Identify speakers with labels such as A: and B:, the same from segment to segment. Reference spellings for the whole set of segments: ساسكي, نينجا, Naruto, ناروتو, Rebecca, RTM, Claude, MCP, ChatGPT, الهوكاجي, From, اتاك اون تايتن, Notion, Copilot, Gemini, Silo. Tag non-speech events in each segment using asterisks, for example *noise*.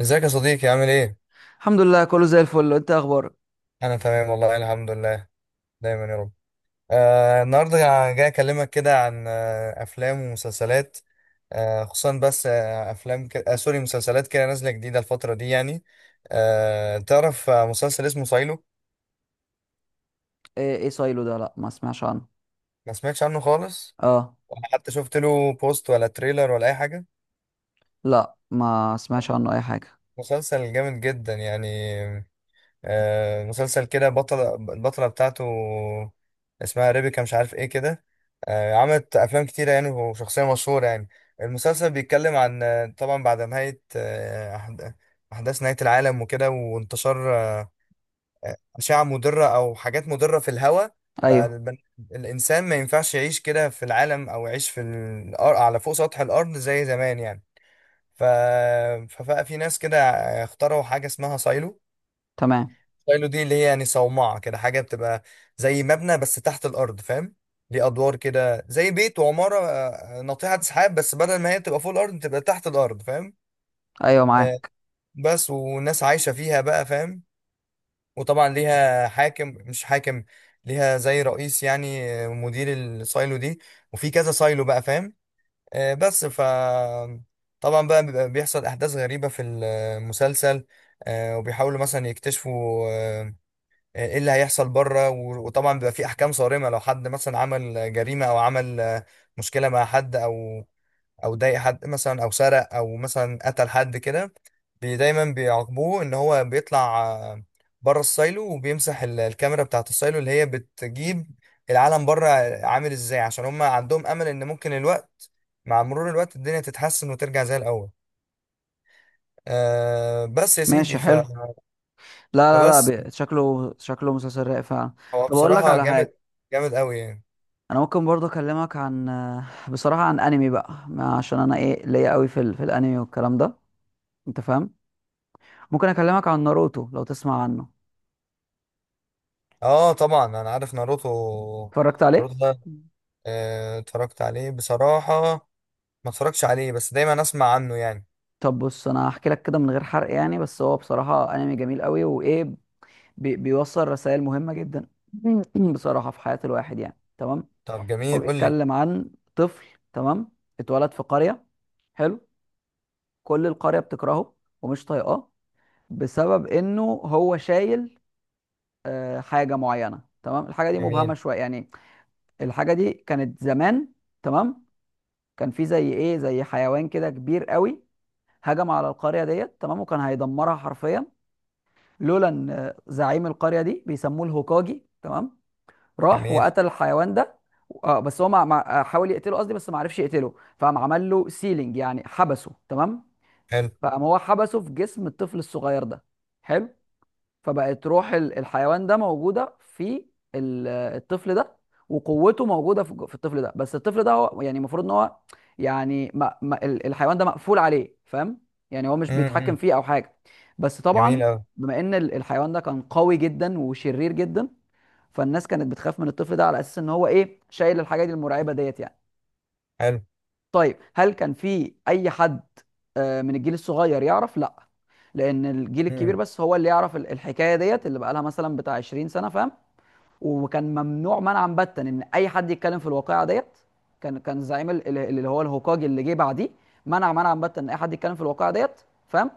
A: ازيك يا صديقي عامل ايه؟
B: الحمد لله، كله زي الفل. انت ايه اخبارك؟
A: انا تمام والله الحمد لله. دايما يا رب. النهارده جاي اكلمك كده عن افلام ومسلسلات. خصوصا بس آه افلام ك... آه سوري مسلسلات كده نازله جديده الفتره دي يعني. تعرف مسلسل اسمه سايلو.
B: ايه ايه سايلو ده؟ لا، ما اسمعش عنه.
A: ما سمعتش عنه خالص.
B: اه.
A: ولا حتى شفت له بوست ولا تريلر ولا اي حاجه.
B: لا، ما اسمعش عنه اي حاجه.
A: مسلسل جامد جدا يعني. مسلسل كده البطلة بتاعته. اسمها ريبيكا مش عارف ايه كده. عملت أفلام كتيرة يعني وشخصية مشهورة يعني. المسلسل بيتكلم عن طبعا بعد نهاية أحداث نهاية العالم وكده وانتشار أشعة مضرة أو حاجات مضرة في الهواء.
B: ايوه،
A: فالإنسان ما ينفعش يعيش كده في العالم أو يعيش في الأرض على فوق سطح الأرض زي زمان يعني. ف... فبقى في ناس كده اخترعوا حاجة اسمها سايلو.
B: تمام.
A: شايلو دي اللي هي يعني صومعة كده حاجة بتبقى زي مبنى بس تحت الأرض فاهم. ليه أدوار كده زي بيت وعمارة، ناطحة سحاب بس بدل ما هي تبقى فوق الأرض تبقى تحت الأرض فاهم.
B: ايوه
A: آه،
B: معاك.
A: بس والناس عايشة فيها بقى فاهم. وطبعا ليها حاكم مش حاكم، ليها زي رئيس يعني، مدير السايلو دي. وفي كذا سايلو بقى فاهم. بس طبعا بقى بيبقى بيحصل أحداث غريبة في المسلسل. وبيحاولوا مثلا يكتشفوا ايه اللي هيحصل بره. و- وطبعا بيبقى في احكام صارمه لو حد مثلا عمل جريمه او عمل مشكله مع حد او ضايق حد مثلا او سرق او مثلا قتل حد كده. دايما بيعاقبوه ان هو بيطلع بره السايلو وبيمسح ال- الكاميرا بتاعه السايلو اللي هي بتجيب العالم بره عامل ازاي، عشان هم عندهم امل ان ممكن الوقت، مع مرور الوقت، الدنيا تتحسن وترجع زي الاول. بس يا
B: ماشي،
A: سيدي
B: حلو. لا لا لا،
A: فبس
B: شكله شكله مسلسل رايق فعلا.
A: هو
B: طب اقول لك
A: بصراحه
B: على حاجه،
A: جامد، جامد قوي يعني.
B: انا ممكن برضه اكلمك عن، بصراحه، عن انمي بقى، عشان انا ايه ليا قوي في في الانمي والكلام ده، انت فاهم؟ ممكن اكلمك عن ناروتو لو تسمع عنه؟
A: اه طبعا انا عارف ناروتو.
B: اتفرجت عليه؟
A: ناروتو ده اتفرجت عليه بصراحة، ما اتفرجتش عليه بس دايما اسمع عنه يعني.
B: طب بص، انا هحكي لك كده من غير حرق يعني، بس هو بصراحه انمي جميل قوي، وايه، بيوصل رسائل مهمة جدا. *clears throat* بصراحة، في حياة الواحد يعني. تمام.
A: طب
B: هو
A: جميل قول لي.
B: بيتكلم عن طفل، تمام، اتولد في قرية. حلو. كل القرية بتكرهه ومش طايقاه، بسبب انه هو شايل، حاجة معينة. تمام. الحاجة دي مبهمة
A: جميل،
B: شوية يعني. الحاجة دي كانت زمان، تمام. كان في زي ايه، زي حيوان كده كبير قوي، هجم على القرية ديت، تمام، وكان هيدمرها حرفيا، لولا ان زعيم القرية دي، بيسموه الهوكاجي، تمام، راح
A: جميل،
B: وقتل الحيوان ده. اه بس هو حاول يقتله قصدي، بس ما عرفش يقتله، فقام عمل له سيلينج، يعني حبسه. تمام.
A: حلو.
B: فقام هو حبسه في جسم الطفل الصغير ده. حلو. فبقت روح الحيوان ده موجوده في الطفل ده، وقوته موجوده في الطفل ده، بس الطفل ده هو يعني المفروض ان هو، يعني، ما... ما... الحيوان ده مقفول عليه، فاهم؟ يعني هو مش
A: امم،
B: بيتحكم
A: إمم.
B: فيه او حاجه. بس
A: جميل
B: طبعا،
A: اوي.
B: بما ان الحيوان ده كان قوي جدا وشرير جدا، فالناس كانت بتخاف من الطفل ده، على اساس ان هو ايه، شايل الحاجات المرعبه ديت يعني.
A: حلو.
B: طيب، هل كان في اي حد من الجيل الصغير يعرف؟ لا، لان الجيل الكبير
A: امم.
B: بس هو اللي يعرف الحكايه ديت، اللي بقى لها مثلا بتاع 20 سنة سنه، فاهم؟ وكان ممنوع منعا باتا ان اي حد يتكلم في الواقعه ديت. كان زعيم اللي هو الهوكاجي اللي جه بعديه، منع منعا باتا ان اي حد يتكلم في الواقعه ديت، فاهم؟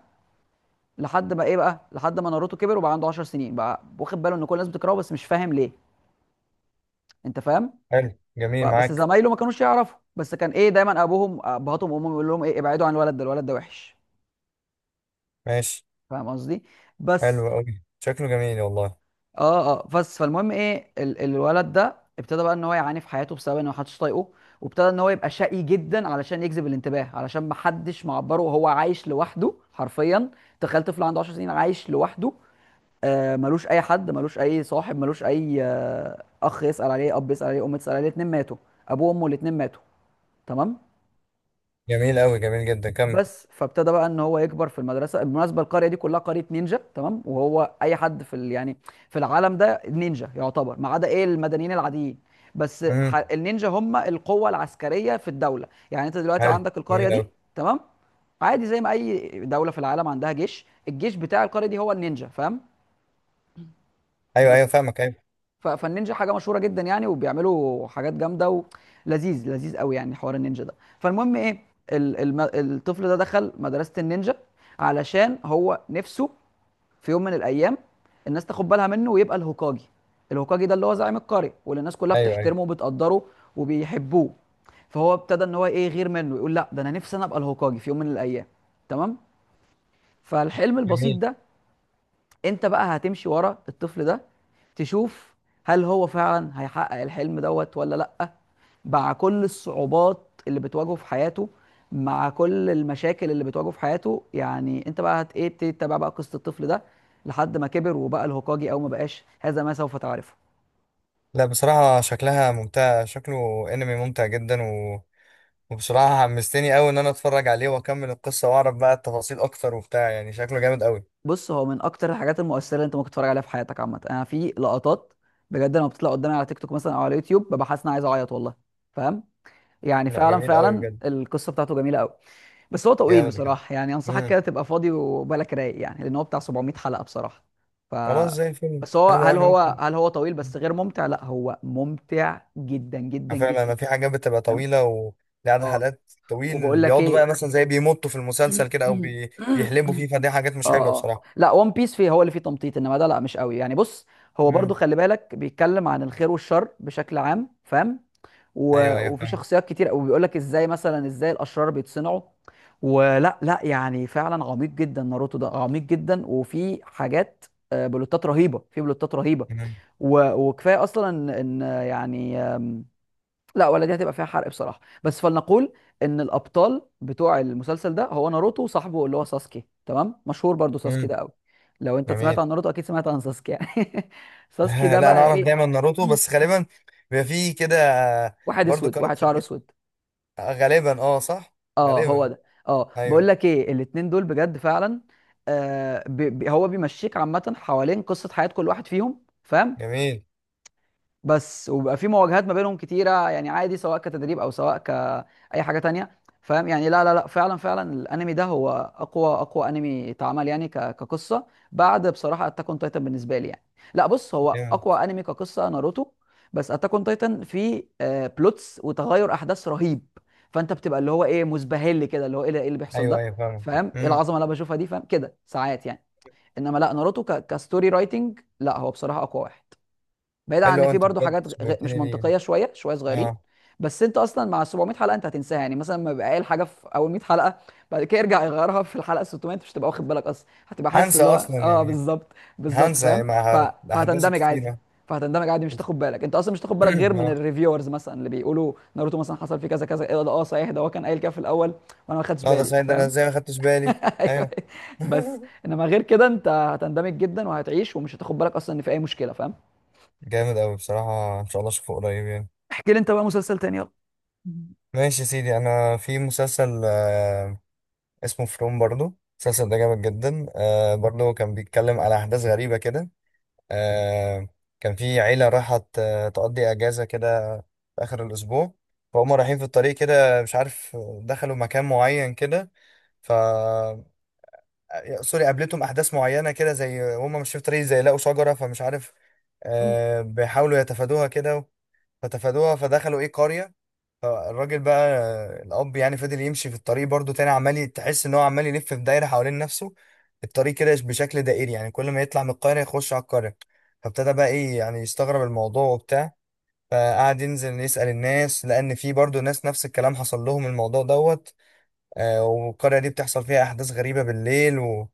B: لحد ما ايه بقى، لحد ما ناروتو كبر وبقى عنده 10 سنين، بقى واخد باله ان كل الناس بتكرهه بس مش فاهم ليه، انت فاهم؟
A: حلو جميل
B: بس
A: معاك.
B: زمايله ما كانوش يعرفوا، بس كان ايه، دايما ابوهم ابهاتهم وامهم يقول لهم ايه، ابعدوا عن الولد ده، الولد ده وحش،
A: ماشي.
B: فاهم قصدي؟ بس
A: حلو اوي، شكله جميل والله.
B: اه بس فالمهم ايه، الولد ده ابتدى بقى ان هو يعاني في حياته بسبب ان محدش طايقه، وابتدى ان هو يبقى شقي جدا علشان يجذب الانتباه، علشان محدش معبره، وهو عايش لوحده حرفيا. تخيل طفل عنده 10 سنين عايش لوحده، آه، ملوش اي حد، ملوش اي صاحب، ملوش اي اخ يسأل عليه، اب يسأل عليه، ام تسأل عليه. الاتنين ماتوا، ابوه وامه الاتنين ماتوا. تمام.
A: جميل اوي، جميل جدا، كمل.
B: بس فابتدى بقى ان هو يكبر في المدرسه. بالمناسبه، القريه دي كلها قريه نينجا. تمام. وهو اي حد في يعني في العالم ده نينجا، يعتبر، ما عدا ايه، المدنيين العاديين. بس
A: امم.
B: النينجا هم القوه العسكريه في الدوله، يعني انت دلوقتي
A: حلو،
B: عندك القريه
A: جميل اوي.
B: دي، تمام، عادي زي ما اي دوله في العالم عندها جيش، الجيش بتاع القريه دي هو النينجا، فاهم؟
A: ايوه ايوه
B: بس
A: فاهمك، ايوه
B: فالنينجا حاجه مشهوره جدا يعني، وبيعملوا حاجات جامده، ولذيذ قوي يعني حوار النينجا ده. فالمهم ايه، الطفل ده دخل مدرسه النينجا، علشان هو نفسه في يوم من الايام الناس تاخد بالها منه ويبقى الهوكاجي. الهوكاجي ده اللي هو زعيم القريه، واللي الناس كلها
A: ايوه ايوه.
B: بتحترمه وبتقدره وبيحبوه. فهو ابتدى ان هو ايه، يغير منه، يقول لا، ده انا نفسي انا ابقى الهوكاجي في يوم من الايام. تمام. فالحلم البسيط
A: جميل.
B: ده، انت بقى هتمشي ورا الطفل ده، تشوف هل هو فعلا هيحقق الحلم دوت ولا لأ، مع كل الصعوبات اللي بتواجهه في حياته، مع كل المشاكل اللي بتواجهه في حياته، يعني انت بقى هت ايه، تتابع بقى قصة الطفل ده لحد ما كبر وبقى الهوكاجي او ما بقاش، هذا ما سوف تعرفه.
A: لا بصراحة شكلها ممتع، شكله انمي ممتع جدا. وبصراحة حمستني قوي ان انا اتفرج عليه واكمل القصة واعرف بقى التفاصيل اكتر وبتاع، يعني شكله جامد قوي.
B: بص، هو من اكتر الحاجات المؤثرة اللي انت ممكن تتفرج عليها في حياتك عامة. انا في لقطات بجد لما بتطلع قدامي على تيك توك مثلا او على يوتيوب، ببقى حاسس ان انا عايز اعيط والله، فاهم؟ يعني
A: لا
B: فعلا
A: جميل قوي
B: فعلا
A: بجد.
B: القصة بتاعته جميلة قوي. بس هو طويل
A: جامد جدا.
B: بصراحة، يعني أنصحك
A: امم.
B: كده تبقى فاضي وبالك رايق، يعني لأن هو بتاع 700 حلقة بصراحة. ف
A: خلاص زي الفيلم،
B: بس هو
A: حلو أوي،
B: هل
A: انا
B: هو،
A: ممكن
B: هل هو طويل بس غير ممتع؟ لا، هو ممتع جدا جدا
A: فعلا.
B: جدا،
A: انا في حاجات بتبقى
B: فاهم؟
A: طويلة ولعدد
B: اه.
A: حلقات طويل،
B: وبقول لك
A: بيقعدوا بقى
B: ايه،
A: مثلا زي بيمطوا في المسلسل كده او
B: *clears throat* *coughs*
A: بيحلبوا فيه، فدي حاجات مش حلوة
B: اه
A: بصراحة.
B: لا، ون بيس فيه، هو اللي فيه تمطيط، انما ده لا مش قوي يعني. بص، هو برضو
A: امم.
B: خلي بالك، بيتكلم عن الخير والشر بشكل عام، فاهم؟
A: ايوه ايوه
B: وفي
A: فاهم.
B: شخصيات كتير قوي، بيقول لك ازاي مثلا، ازاي الاشرار بيتصنعوا. ولا لا، يعني فعلا عميق جدا ناروتو ده، عميق جدا، وفي حاجات، بلوتات رهيبه، في بلوتات رهيبه.
A: امم.
B: وكفايه اصلا ان إن، آه، يعني آم، لا ولا دي هتبقى فيها حرق بصراحه، بس فلنقول ان الابطال بتوع المسلسل ده هو ناروتو وصاحبه اللي هو ساسكي، تمام، مشهور برضو ساسكي
A: أمم.
B: ده قوي. لو انت سمعت
A: جميل.
B: عن ناروتو اكيد سمعت عن ساسكي يعني. *laughs* ساسكي ده
A: *laughs* لا انا
B: بقى
A: اعرف
B: ايه،
A: دايما ناروتو بس غالبا بيبقى فيه كده،
B: واحد
A: برضو
B: اسود، واحد
A: كاركتر
B: شعره
A: كده.
B: اسود.
A: غالبا اه، صح.
B: اه هو
A: غالبا.
B: ده. اه، بقول
A: ايوه.
B: لك ايه، الاتنين دول بجد فعلا. آه بي بي هو بيمشيك عامه حوالين قصه حياه كل واحد فيهم، فاهم؟
A: جميل.
B: بس، وبيبقى في مواجهات ما بينهم كتيره يعني، عادي، سواء كتدريب او سواء كاي حاجه تانية، فاهم يعني؟ لا لا لا، فعلا فعلا الانمي ده هو اقوى انمي اتعمل يعني، كقصه، بعد بصراحه اتاك اون تايتن بالنسبه لي يعني. لا بص، هو
A: جامد.
B: اقوى انمي كقصه ناروتو، بس اتاك اون تايتن فيه بلوتس وتغير احداث رهيب، فانت بتبقى اللي هو ايه، مزبهل كده، اللي هو ايه إيه اللي بيحصل
A: ايوه
B: ده،
A: ايوه فاهمك.
B: فاهم ايه
A: امم.
B: العظمه اللي انا بشوفها دي، فاهم كده ساعات يعني. انما لا، ناروتو كستوري رايتنج، لا هو بصراحه اقوى واحد، بعيد عن
A: حلو
B: ان
A: أوي،
B: في
A: انت
B: برضو
A: بجد
B: حاجات مش
A: شوقتني ليه يعني.
B: منطقيه، شويه شويه صغيرين.
A: اه.
B: بس انت اصلا مع 700 حلقة حلقه، انت هتنساها، يعني مثلا لما يبقى قايل حاجه في اول 100 حلقة حلقه، بعد كده يرجع يغيرها في الحلقه 600، انت مش هتبقى واخد بالك اصلا، هتبقى حاسس
A: هنسى
B: اللي هو
A: اصلا
B: اه
A: يعني،
B: بالظبط. بالظبط، فاهم؟
A: هنسى مع احداث
B: فهتندمج عادي،
A: كتيره.
B: مش تاخد بالك، انت اصلا مش تاخد بالك غير
A: *clears throat*
B: من
A: اه
B: الريفيورز مثلا، اللي بيقولوا ناروتو مثلا حصل فيه كذا كذا، ايه ده، اه صحيح ده هو كان قايل كده في الاول وانا ما خدتش
A: لا، ده
B: بالي،
A: سعيد ده، انا
B: فاهم؟
A: ازاي ما خدتش بالي.
B: *laughs* ايوه.
A: ايوه.
B: بس
A: *laughs*
B: انما غير كده انت هتندمج جدا وهتعيش، ومش هتاخد بالك اصلا ان في اي مشكله، فاهم؟
A: جامد أوي بصراحة، إن شاء الله أشوفه قريب يعني.
B: احكي لي انت بقى مسلسل تاني، يلا.
A: ماشي يا سيدي، أنا في مسلسل اسمه فروم. برضو المسلسل ده جامد جدا. برضو كان بيتكلم على أحداث غريبة كده. آه كان في عيلة راحت تقضي أجازة كده في آخر الأسبوع، فهم رايحين في الطريق كده مش عارف، دخلوا مكان معين كده. ف آه، سوري، قابلتهم أحداث معينة كده، زي هم مش في الطريق، زي لقوا شجرة فمش عارف، بيحاولوا يتفادوها كده. فتفادوها فدخلوا إيه قرية. الراجل بقى، الأب يعني، فضل يمشي في الطريق برضو تاني عمال تحس إن هو عمال يلف في دايرة حوالين نفسه، الطريق كده بشكل دائري، يعني كل ما يطلع من القرية يخش على القرية. فابتدى بقى إيه يعني يستغرب الموضوع وبتاع، فقعد ينزل يسأل الناس لأن في برضو ناس نفس الكلام حصل لهم الموضوع دوت. والقرية دي بتحصل فيها أحداث غريبة بالليل.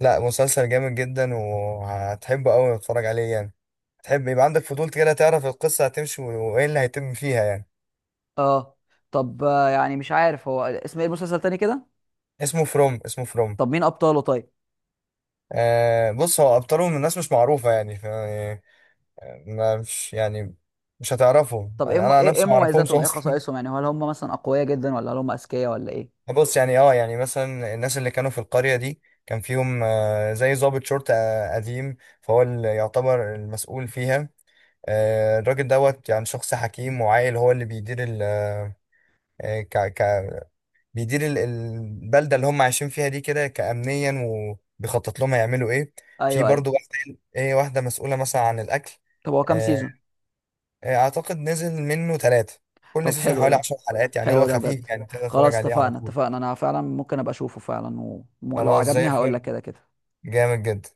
A: لا مسلسل جامد جدا، وهتحبه أوي تتفرج عليه يعني، هتحب يبقى عندك فضول كده تعرف القصة هتمشي وإيه اللي هيتم فيها يعني.
B: اه، طب، يعني مش عارف، هو اسم ايه المسلسل تاني كده؟
A: اسمه فروم، اسمه فروم.
B: طب مين ابطاله طيب؟
A: بص هو ابطالهم الناس مش معروفه يعني، يعني ما مش يعني، مش هتعرفه،
B: طب ايه
A: يعني انا عن
B: إيه
A: نفسي ما اعرفهمش
B: مميزاتهم، ايه
A: اصلا.
B: خصائصهم، يعني هل هم مثلا اقوياء جدا، ولا هل هم اذكياء، ولا ايه؟
A: *laughs* بص يعني يعني مثلا الناس اللي كانوا في القريه دي كان فيهم زي ضابط شرطه قديم، فهو اللي يعتبر المسؤول فيها. الراجل دوت يعني شخص حكيم وعاقل، هو اللي بيدير ال آه، ك ك بيدير ال- البلده اللي هم عايشين فيها دي كده كامنيا، وبيخطط لهم هيعملوا ايه. في
B: ايوه ايوه.
A: برضو ايه واحده مسؤوله مثلا عن الاكل.
B: طب هو كام
A: آه،
B: سيزون؟
A: اعتقد نزل منه ثلاثة، كل
B: طب
A: سيزون
B: حلو
A: حوالي
B: ده،
A: 10 حلقات، يعني هو
B: حلو ده بجد.
A: خفيف يعني تقدر تتفرج
B: خلاص،
A: عليه على
B: اتفقنا
A: طول.
B: اتفقنا، انا فعلا ممكن ابقى اشوفه فعلا، ولو
A: خلاص زي
B: عجبني هقول لك
A: الفل.
B: كده كده.
A: جامد جدا.